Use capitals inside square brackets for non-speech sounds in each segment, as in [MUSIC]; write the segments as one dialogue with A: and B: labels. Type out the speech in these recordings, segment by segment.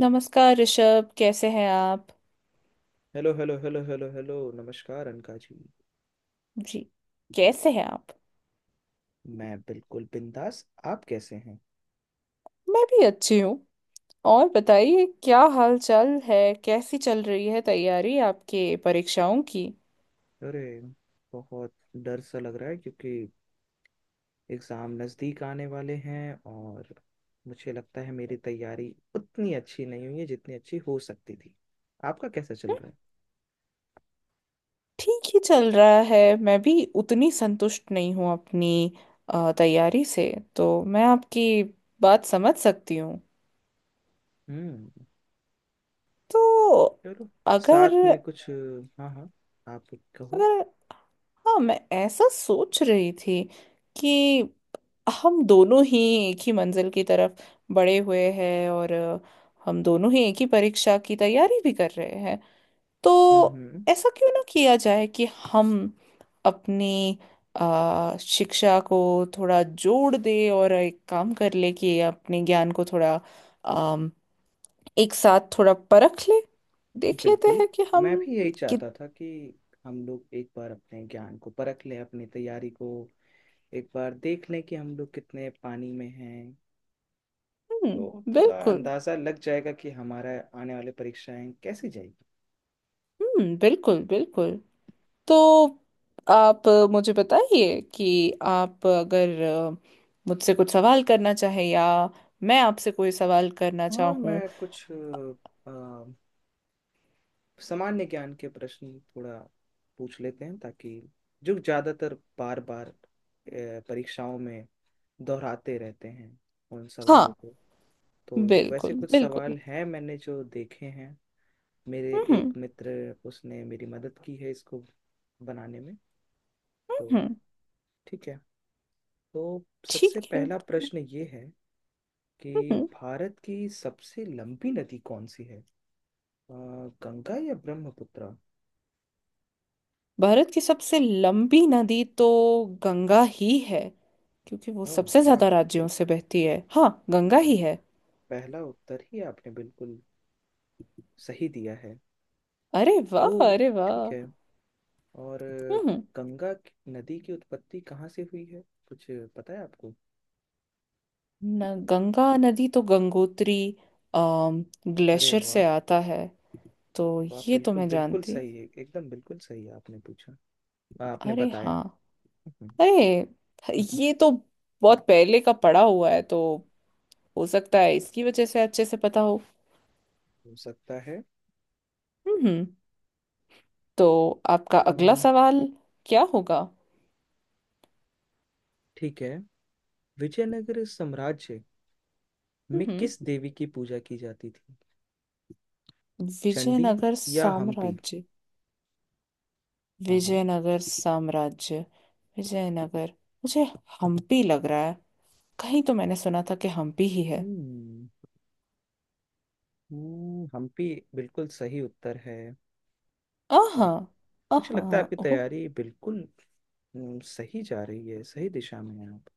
A: नमस्कार ऋषभ, कैसे हैं आप।
B: Hello hello hello hello hello नमस्कार अनका जी।
A: जी। कैसे हैं आप।
B: मैं बिल्कुल बिंदास। आप कैसे हैं?
A: मैं भी अच्छी हूँ। और बताइए, क्या हाल चाल है। कैसी चल रही है तैयारी आपके परीक्षाओं की।
B: अरे बहुत डर सा लग रहा है क्योंकि एग्ज़ाम नज़दीक आने वाले हैं और मुझे लगता है मेरी तैयारी उतनी अच्छी नहीं हुई है जितनी अच्छी हो सकती थी। आपका कैसा चल
A: हम्म,
B: रहा है?
A: ठीक ही चल रहा है, मैं भी उतनी संतुष्ट नहीं हूँ अपनी तैयारी से। तो मैं आपकी बात समझ सकती हूँ।
B: हम्म
A: तो
B: चलो
A: अगर
B: साथ में कुछ, हाँ हाँ, आप कहो।
A: अगर हाँ, मैं ऐसा सोच रही थी कि हम दोनों ही एक ही मंजिल की तरफ बढ़े हुए हैं, और हम दोनों ही एक ही परीक्षा की तैयारी भी कर रहे हैं। तो
B: हम्म हम्म,
A: ऐसा क्यों ना किया जाए कि हम अपनी शिक्षा को थोड़ा जोड़ दे, और एक काम कर ले कि अपने ज्ञान को थोड़ा अम, एक साथ थोड़ा परख ले। देख लेते
B: बिल्कुल।
A: हैं कि हम
B: मैं भी यही
A: कित
B: चाहता था कि हम लोग एक बार अपने ज्ञान को परख लें, अपनी तैयारी को एक बार देख लें कि हम लोग कितने पानी में हैं। तो थोड़ा
A: बिल्कुल।
B: अंदाज़ा लग जाएगा कि हमारा आने वाले परीक्षाएं कैसी जाएगी।
A: बिल्कुल बिल्कुल। तो आप मुझे बताइए कि आप अगर मुझसे कुछ सवाल करना चाहे, या मैं आपसे कोई सवाल करना
B: हाँ
A: चाहूँ।
B: मैं कुछ अ, सामान्य ज्ञान के प्रश्न थोड़ा पूछ लेते हैं ताकि जो ज़्यादातर बार बार परीक्षाओं में दोहराते रहते हैं उन सवालों
A: हाँ।
B: को। तो वैसे
A: बिल्कुल
B: कुछ
A: बिल्कुल।
B: सवाल हैं मैंने जो देखे हैं, मेरे
A: हम्म,
B: एक मित्र उसने मेरी मदद की है इसको बनाने में। तो
A: हम्म।
B: ठीक है। तो
A: ठीक
B: सबसे
A: है।
B: पहला प्रश्न ये है कि
A: हम्म।
B: भारत की सबसे लंबी नदी कौन सी है? अ, गंगा या ब्रह्मपुत्र?
A: भारत की सबसे लंबी नदी तो गंगा ही है, क्योंकि वो
B: अ,
A: सबसे
B: वाह!
A: ज्यादा राज्यों से बहती है। हाँ, गंगा
B: हम्म,
A: ही है।
B: पहला उत्तर ही आपने बिल्कुल सही दिया है।
A: अरे वाह, अरे
B: तो
A: वाह।
B: ठीक है। और
A: हम्म।
B: नदी की उत्पत्ति कहाँ से हुई है, कुछ पता है आपको?
A: न, गंगा नदी तो गंगोत्री
B: अरे
A: ग्लेशियर
B: वाह!
A: से आता है। तो
B: वाह
A: ये तो
B: बिल्कुल
A: मैं
B: बिल्कुल
A: जानती हूँ।
B: सही है, एकदम बिल्कुल सही आपने पूछा, आपने
A: अरे
B: बताया।
A: हाँ।
B: हम्म,
A: अरे, ये तो बहुत पहले का पढ़ा हुआ है, तो हो सकता है इसकी वजह से अच्छे से पता हो।
B: हो सकता है।
A: हम्म। तो आपका
B: अ,
A: अगला सवाल क्या होगा।
B: ठीक है। विजयनगर साम्राज्य में
A: हम्म।
B: किस देवी की पूजा की जाती थी? चंडी
A: विजयनगर
B: या हम्पी?
A: साम्राज्य।
B: हाँ हाँ।
A: विजयनगर साम्राज्य। विजयनगर, मुझे हम्पी लग रहा है। कहीं तो मैंने सुना था कि हम्पी ही है।
B: हम्म हम्पी बिल्कुल सही उत्तर है। वाह!
A: आहा।
B: मुझे
A: आहा।
B: लगता है आपकी
A: ओ।
B: तैयारी बिल्कुल सही जा रही है, सही दिशा में है आप।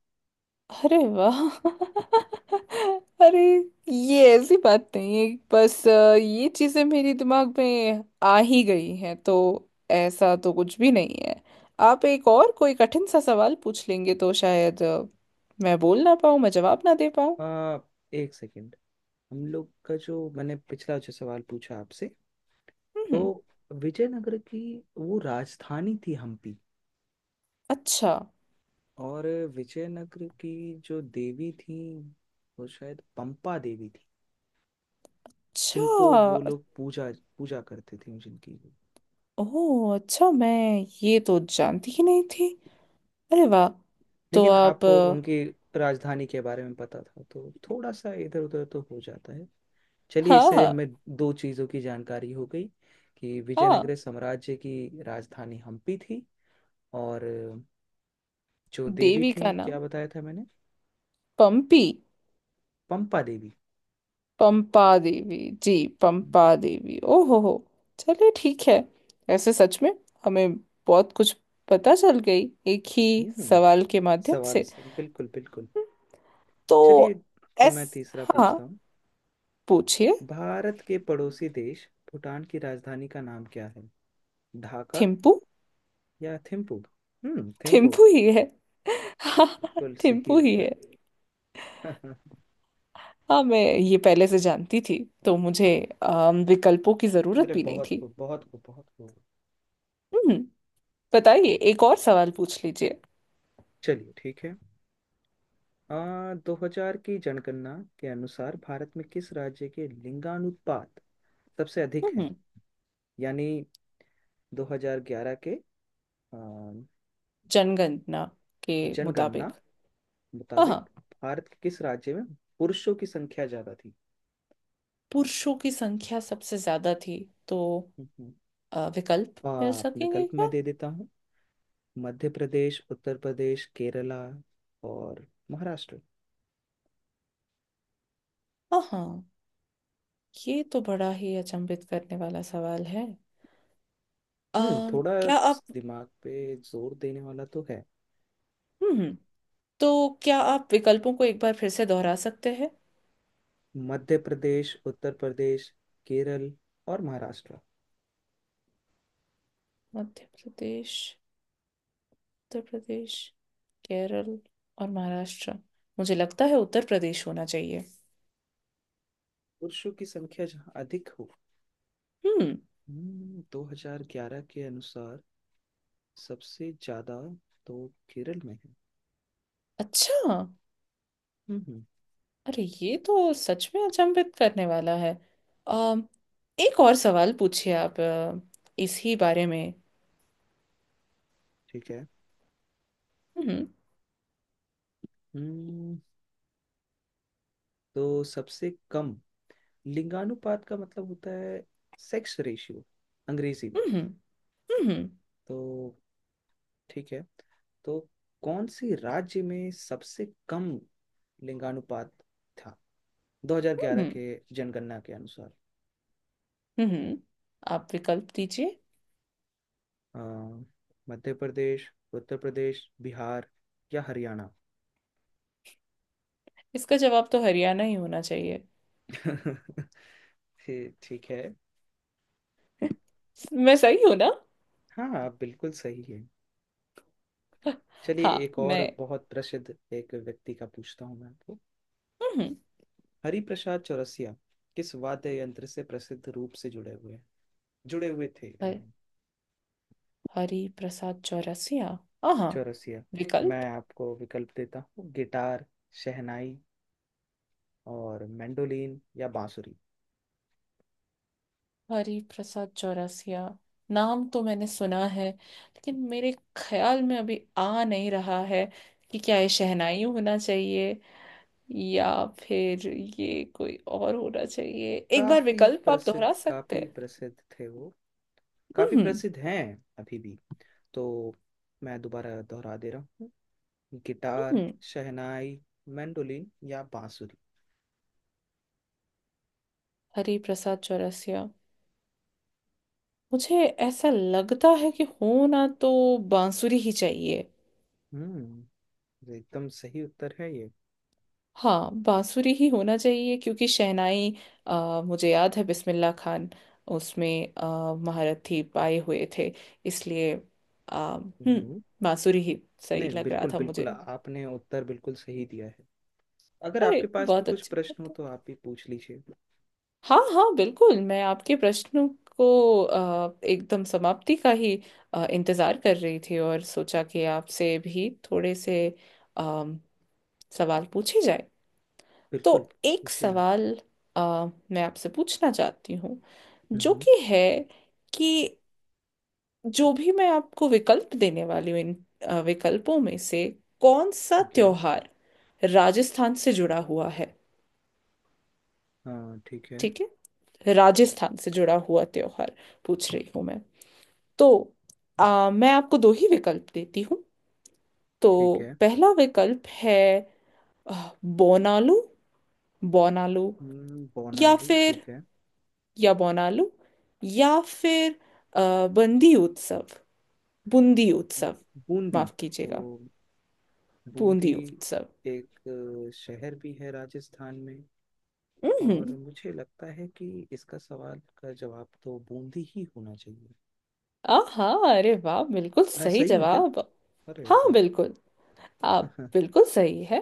A: अरे वाह। [LAUGHS] अरे, ये ऐसी बात नहीं है। बस ये चीजें मेरे दिमाग में आ ही गई हैं, तो ऐसा तो कुछ भी नहीं है। आप एक और कोई कठिन सा सवाल पूछ लेंगे तो शायद मैं बोल ना पाऊँ, मैं जवाब ना दे पाऊँ।
B: आ, एक सेकंड। हम लोग का जो मैंने पिछला जो सवाल पूछा आपसे, तो
A: हम्म।
B: विजयनगर की वो राजधानी थी हम्पी।
A: अच्छा।
B: और विजयनगर की जो देवी थी वो शायद पंपा देवी थी, जिनको वो
A: अच्छा।
B: लोग पूजा पूजा करते थे जिनकी।
A: ओह, अच्छा, मैं ये तो जानती ही नहीं थी। अरे वाह। तो
B: लेकिन
A: आप
B: आपको उनकी राजधानी के बारे में पता था, तो थोड़ा सा इधर उधर तो हो जाता है। चलिए
A: हाँ
B: इससे
A: हाँ।
B: हमें दो चीज़ों की जानकारी हो गई कि
A: हाँ।
B: विजयनगर साम्राज्य की राजधानी हम्पी थी और जो देवी
A: देवी का
B: थी
A: नाम
B: क्या बताया था मैंने,
A: पंपी।
B: पंपा देवी।
A: पंपा देवी जी। पंपा देवी। ओ हो हो। चलिए, ठीक है। ऐसे सच में हमें बहुत कुछ पता चल गई एक ही
B: हम्म
A: सवाल के माध्यम
B: सवाल
A: से।
B: से बिल्कुल बिल्कुल।
A: तो।
B: चलिए, तो
A: एस।
B: मैं तीसरा
A: हाँ,
B: पूछता हूँ।
A: पूछिए।
B: भारत के पड़ोसी देश भूटान की राजधानी का नाम क्या है? ढाका
A: थिम्पू।
B: या थिम्पू? हम्म, थिम्पू
A: थिम्पू ही है। हाँ।
B: बिल्कुल सही
A: थिम्पू ही
B: उत्तर।
A: है।
B: [LAUGHS]
A: हाँ, मैं ये पहले से जानती थी, तो मुझे विकल्पों की जरूरत
B: अरे
A: भी नहीं
B: बहुत
A: थी।
B: खूब बहुत खूब बहुत खूब।
A: हम्म। बताइए, एक और सवाल पूछ लीजिए।
B: चलिए ठीक है। आ, 2000 की जनगणना के अनुसार भारत में किस राज्य के लिंगानुपात सबसे अधिक है,
A: हम्म।
B: यानी 2011 के आ,
A: जनगणना के
B: जनगणना
A: मुताबिक। हाँ
B: मुताबिक
A: हाँ।
B: भारत के किस राज्य में पुरुषों की संख्या ज्यादा थी?
A: पुरुषों की संख्या सबसे ज्यादा थी, तो
B: हम्म।
A: विकल्प
B: आ,
A: मिल सकेंगे
B: विकल्प
A: क्या।
B: मैं दे देता हूँ: मध्य प्रदेश, उत्तर प्रदेश, केरला और महाराष्ट्र।
A: हाँ हाँ। ये तो बड़ा ही अचंभित करने वाला सवाल है।
B: थोड़ा
A: क्या आप...
B: दिमाग पे जोर देने वाला तो है।
A: हम्म, हम्म। तो क्या आप विकल्पों को एक बार फिर से दोहरा सकते हैं।
B: मध्य प्रदेश, उत्तर प्रदेश, केरल और महाराष्ट्र।
A: मध्य प्रदेश, उत्तर प्रदेश, केरल और महाराष्ट्र। मुझे लगता है उत्तर प्रदेश होना चाहिए।
B: पुरुषों की संख्या जहाँ अधिक हो।
A: हम्म।
B: हम्म, 2011 के अनुसार सबसे ज्यादा तो केरल में है।
A: अच्छा।
B: हम्म हम्म,
A: अरे, ये तो सच में अचंभित करने वाला है। अम एक और सवाल पूछिए आप, इसी बारे में।
B: ठीक है।
A: हम्म।
B: हम्म तो सबसे कम लिंगानुपात का मतलब होता है सेक्स रेशियो, अंग्रेजी में।
A: हम्म, हम्म।
B: तो ठीक है। तो कौन से राज्य में सबसे कम लिंगानुपात था 2011
A: हम्म,
B: के जनगणना के अनुसार?
A: हम्म, आप विकल्प दीजिए।
B: अ, मध्य प्रदेश, उत्तर प्रदेश, बिहार या हरियाणा?
A: इसका जवाब तो हरियाणा ही होना चाहिए।
B: [LAUGHS] ये ठीक है।
A: मैं सही हूं ना।
B: हाँ आप बिल्कुल सही है। चलिए,
A: हाँ।
B: एक और
A: मैं...
B: बहुत प्रसिद्ध एक व्यक्ति का पूछता हूँ मैं आपको।
A: हम्म।
B: हरिप्रसाद चौरसिया किस वाद्य यंत्र से प्रसिद्ध रूप से जुड़े हुए हैं, जुड़े हुए थे
A: हर- हरि प्रसाद चौरसिया। हाँ।
B: चौरसिया? मैं
A: विकल्प।
B: आपको विकल्प देता हूँ: गिटार, शहनाई और मैंडोलिन, या बांसुरी?
A: हरि प्रसाद चौरसिया, नाम तो मैंने सुना है, लेकिन मेरे ख्याल में अभी आ नहीं रहा है कि क्या ये शहनाई होना चाहिए, या फिर ये कोई और होना चाहिए। एक बार
B: काफी
A: विकल्प आप
B: प्रसिद्ध,
A: दोहरा सकते
B: काफी
A: हैं।
B: प्रसिद्ध थे वो, काफी
A: हम्म।
B: प्रसिद्ध हैं अभी भी। तो मैं दोबारा दोहरा दे रहा हूँ: गिटार,
A: हम्म।
B: शहनाई, मैंडोलिन या बांसुरी।
A: हरि प्रसाद चौरसिया, मुझे ऐसा लगता है कि होना तो बांसुरी ही चाहिए।
B: हम्म, ये एकदम सही उत्तर है ये।
A: हाँ, बांसुरी ही होना चाहिए, क्योंकि शहनाई... मुझे याद है बिस्मिल्लाह खान उसमें महारथी पाए हुए थे। इसलिए हम्म,
B: हम्म,
A: बांसुरी ही सही
B: नहीं
A: लग रहा
B: बिल्कुल
A: था मुझे।
B: बिल्कुल आपने उत्तर बिल्कुल सही दिया है। अगर
A: अरे,
B: आपके पास भी
A: बहुत
B: कुछ
A: अच्छी
B: प्रश्न हो
A: बात है।
B: तो आप भी पूछ लीजिए।
A: हाँ हाँ, बिल्कुल, मैं आपके प्रश्नों को एकदम समाप्ति का ही इंतजार कर रही थी, और सोचा कि आपसे भी थोड़े से अम, सवाल पूछे जाए।
B: बिल्कुल।
A: तो एक
B: पूछिए आप।
A: सवाल अ, मैं आपसे पूछना चाहती हूँ, जो
B: हम्म,
A: कि है कि जो भी मैं आपको विकल्प देने वाली हूँ, इन विकल्पों में से कौन सा
B: ठीक है।
A: त्योहार राजस्थान से जुड़ा हुआ है।
B: हाँ ठीक है।
A: ठीक है। राजस्थान से जुड़ा हुआ त्योहार पूछ रही हूँ मैं। तो मैं आपको दो ही विकल्प देती हूँ। तो
B: ठीक है।
A: पहला विकल्प है अ, बोनालू। बोनालू। या
B: बोनालू
A: फिर...
B: ठीक है।
A: या बोनालू या फिर बंदी उत्सव बूंदी उत्सव।
B: बूंदी
A: माफ
B: तो,
A: कीजिएगा।
B: बूंदी
A: बूंदी उत्सव।
B: एक शहर भी है राजस्थान में, और
A: हम्म।
B: मुझे लगता है कि इसका सवाल का जवाब तो बूंदी ही होना चाहिए।
A: आहा। अरे वाह, बिल्कुल
B: मैं
A: सही
B: सही हूँ क्या?
A: जवाब।
B: अरे
A: हाँ,
B: वाह!
A: बिल्कुल, आप
B: [LAUGHS]
A: बिल्कुल सही है।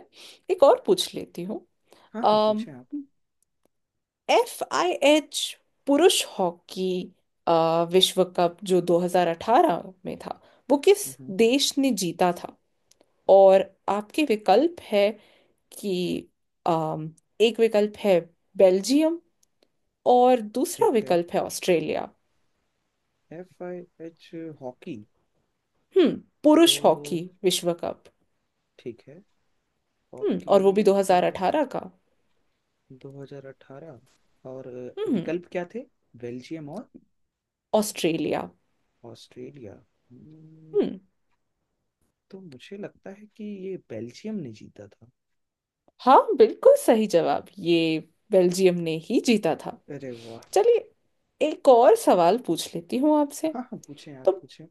A: एक और पूछ लेती हूँ।
B: हाँ हाँ पूछें आप।
A: एफ आई एच पुरुष हॉकी अ, विश्व कप जो 2018 में था, वो किस
B: हम्म,
A: देश ने जीता था। और आपके विकल्प है कि अम, एक विकल्प है बेल्जियम, और दूसरा
B: ठीक है
A: विकल्प है ऑस्ट्रेलिया।
B: FIH hockey.
A: हम्म। पुरुष
B: तो
A: हॉकी विश्व कप।
B: ठीक है,
A: हम्म,
B: हॉकी
A: और वो भी
B: तो
A: 2018 का।
B: 2018। और
A: हम्म।
B: विकल्प क्या थे? बेल्जियम और
A: ऑस्ट्रेलिया।
B: ऑस्ट्रेलिया।
A: हम्म।
B: तो मुझे लगता है कि ये बेल्जियम ने जीता था।
A: हाँ, बिल्कुल सही जवाब, ये बेल्जियम ने ही जीता था।
B: अरे वाह!
A: चलिए, एक और सवाल पूछ लेती हूँ आपसे।
B: हाँ हाँ पूछें आप,
A: तो...
B: पूछें।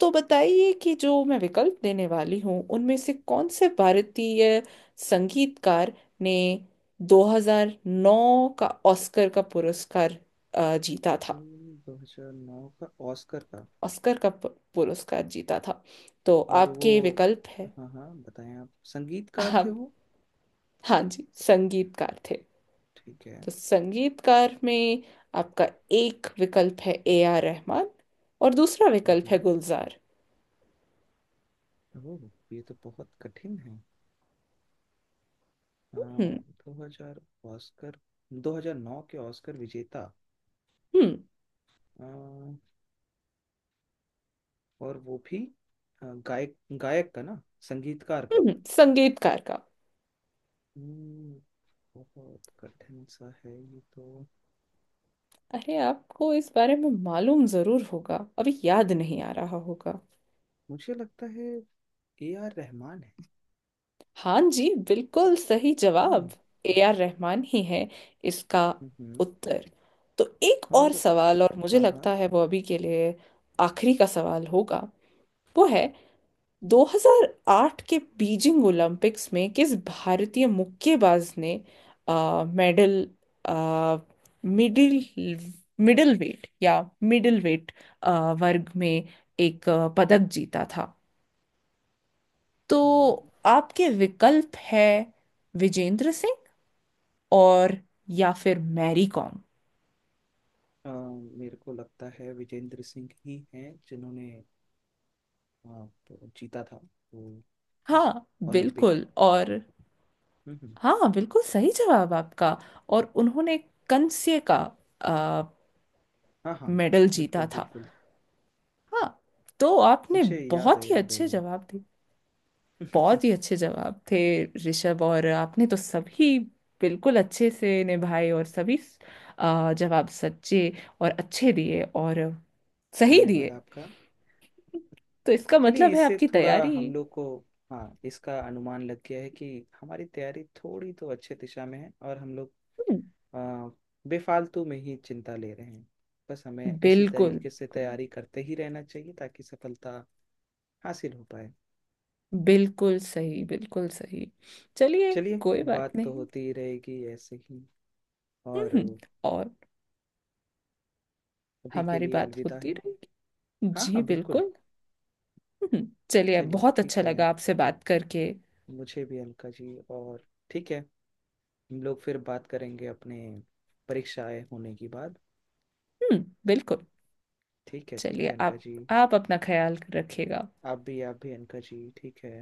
A: तो बताइए कि जो मैं विकल्प देने वाली हूँ, उनमें से कौन से भारतीय संगीतकार ने 2009 का ऑस्कर का पुरस्कार जीता था।
B: 2009 का ऑस्कर का।
A: ऑस्कर का पुरस्कार जीता था। तो
B: और वो,
A: आपके विकल्प है।
B: हाँ हाँ बताएं आप, संगीतकार थे
A: आप...
B: वो।
A: हाँ जी, संगीतकार थे।
B: ठीक है।
A: तो संगीतकार में आपका एक विकल्प है ए आर रहमान, और दूसरा विकल्प है
B: हम्म,
A: गुलजार।
B: ओह ये तो बहुत कठिन है।
A: हम्म।
B: दो हजार ऑस्कर, 2009 के ऑस्कर विजेता।
A: हम्म।
B: आ, और वो भी गायक, गायक का ना, संगीतकार का।
A: संगीतकार का।
B: हम्म, बहुत कठिन सा है ये तो।
A: अरे, आपको इस बारे में मालूम जरूर होगा, अभी याद नहीं आ रहा होगा।
B: मुझे लगता है A R रहमान है।
A: हाँ जी, बिल्कुल सही
B: हाँ।
A: जवाब। ए आर रहमान ही है इसका
B: हम्म,
A: उत्तर। तो एक और
B: और
A: सवाल, और मुझे
B: हाँ हाँ।
A: लगता है वो अभी के लिए आखिरी का सवाल होगा। वो है 2008 के बीजिंग ओलंपिक्स में किस भारतीय मुक्केबाज ने मेडल... आ, मिडिल मिडिल वेट, या मिडिल वेट वर्ग में एक पदक जीता था। तो
B: हम्म,
A: आपके विकल्प है विजेंद्र सिंह और, या फिर मैरी कॉम।
B: आ, मेरे को लगता है विजेंद्र सिंह ही हैं जिन्होंने, हाँ, तो जीता था वो
A: हाँ,
B: ओलंपिक।
A: बिल्कुल। और
B: हम्म हम्म,
A: हाँ, बिल्कुल सही जवाब आपका। और उन्होंने कंस्य का आ,
B: हाँ हाँ
A: मेडल जीता
B: बिल्कुल
A: था।
B: बिल्कुल।
A: हाँ। तो आपने
B: मुझे याद है,
A: बहुत ही
B: याद है
A: अच्छे
B: वो।
A: जवाब दिए। बहुत ही
B: [LAUGHS]
A: अच्छे जवाब थे, ऋषभ। और आपने तो सभी बिल्कुल अच्छे से निभाए, और सभी जवाब सच्चे और अच्छे दिए, और सही
B: धन्यवाद
A: दिए।
B: आपका।
A: तो इसका
B: चलिए
A: मतलब है
B: इससे
A: आपकी
B: थोड़ा
A: तैयारी...
B: हम लोग को, हाँ इसका अनुमान लग गया है कि हमारी तैयारी थोड़ी तो अच्छे दिशा में है और हम लोग
A: हम्म,
B: आ, बेफालतू में ही चिंता ले रहे हैं। बस हमें इसी
A: बिल्कुल
B: तरीके से
A: बिल्कुल।
B: तैयारी करते ही रहना चाहिए ताकि सफलता हासिल हो पाए।
A: बिल्कुल सही, बिल्कुल सही। चलिए,
B: चलिए,
A: कोई बात
B: बात तो
A: नहीं।
B: होती ही रहेगी ऐसे ही। और
A: हम्म। और
B: अभी के
A: हमारी
B: लिए
A: बात
B: अलविदा
A: होती
B: है।
A: रहेगी।
B: हाँ
A: जी,
B: हाँ बिल्कुल।
A: बिल्कुल। चलिए,
B: चलिए
A: बहुत
B: ठीक
A: अच्छा
B: है।
A: लगा आपसे बात करके।
B: मुझे भी, अलका जी, और ठीक है, हम लोग फिर बात करेंगे अपने परीक्षाएं होने के बाद।
A: बिल्कुल।
B: ठीक
A: चलिए,
B: है अनका
A: आप
B: जी।
A: आप अपना ख्याल रखिएगा।
B: आप भी, आप भी अनका जी, ठीक है।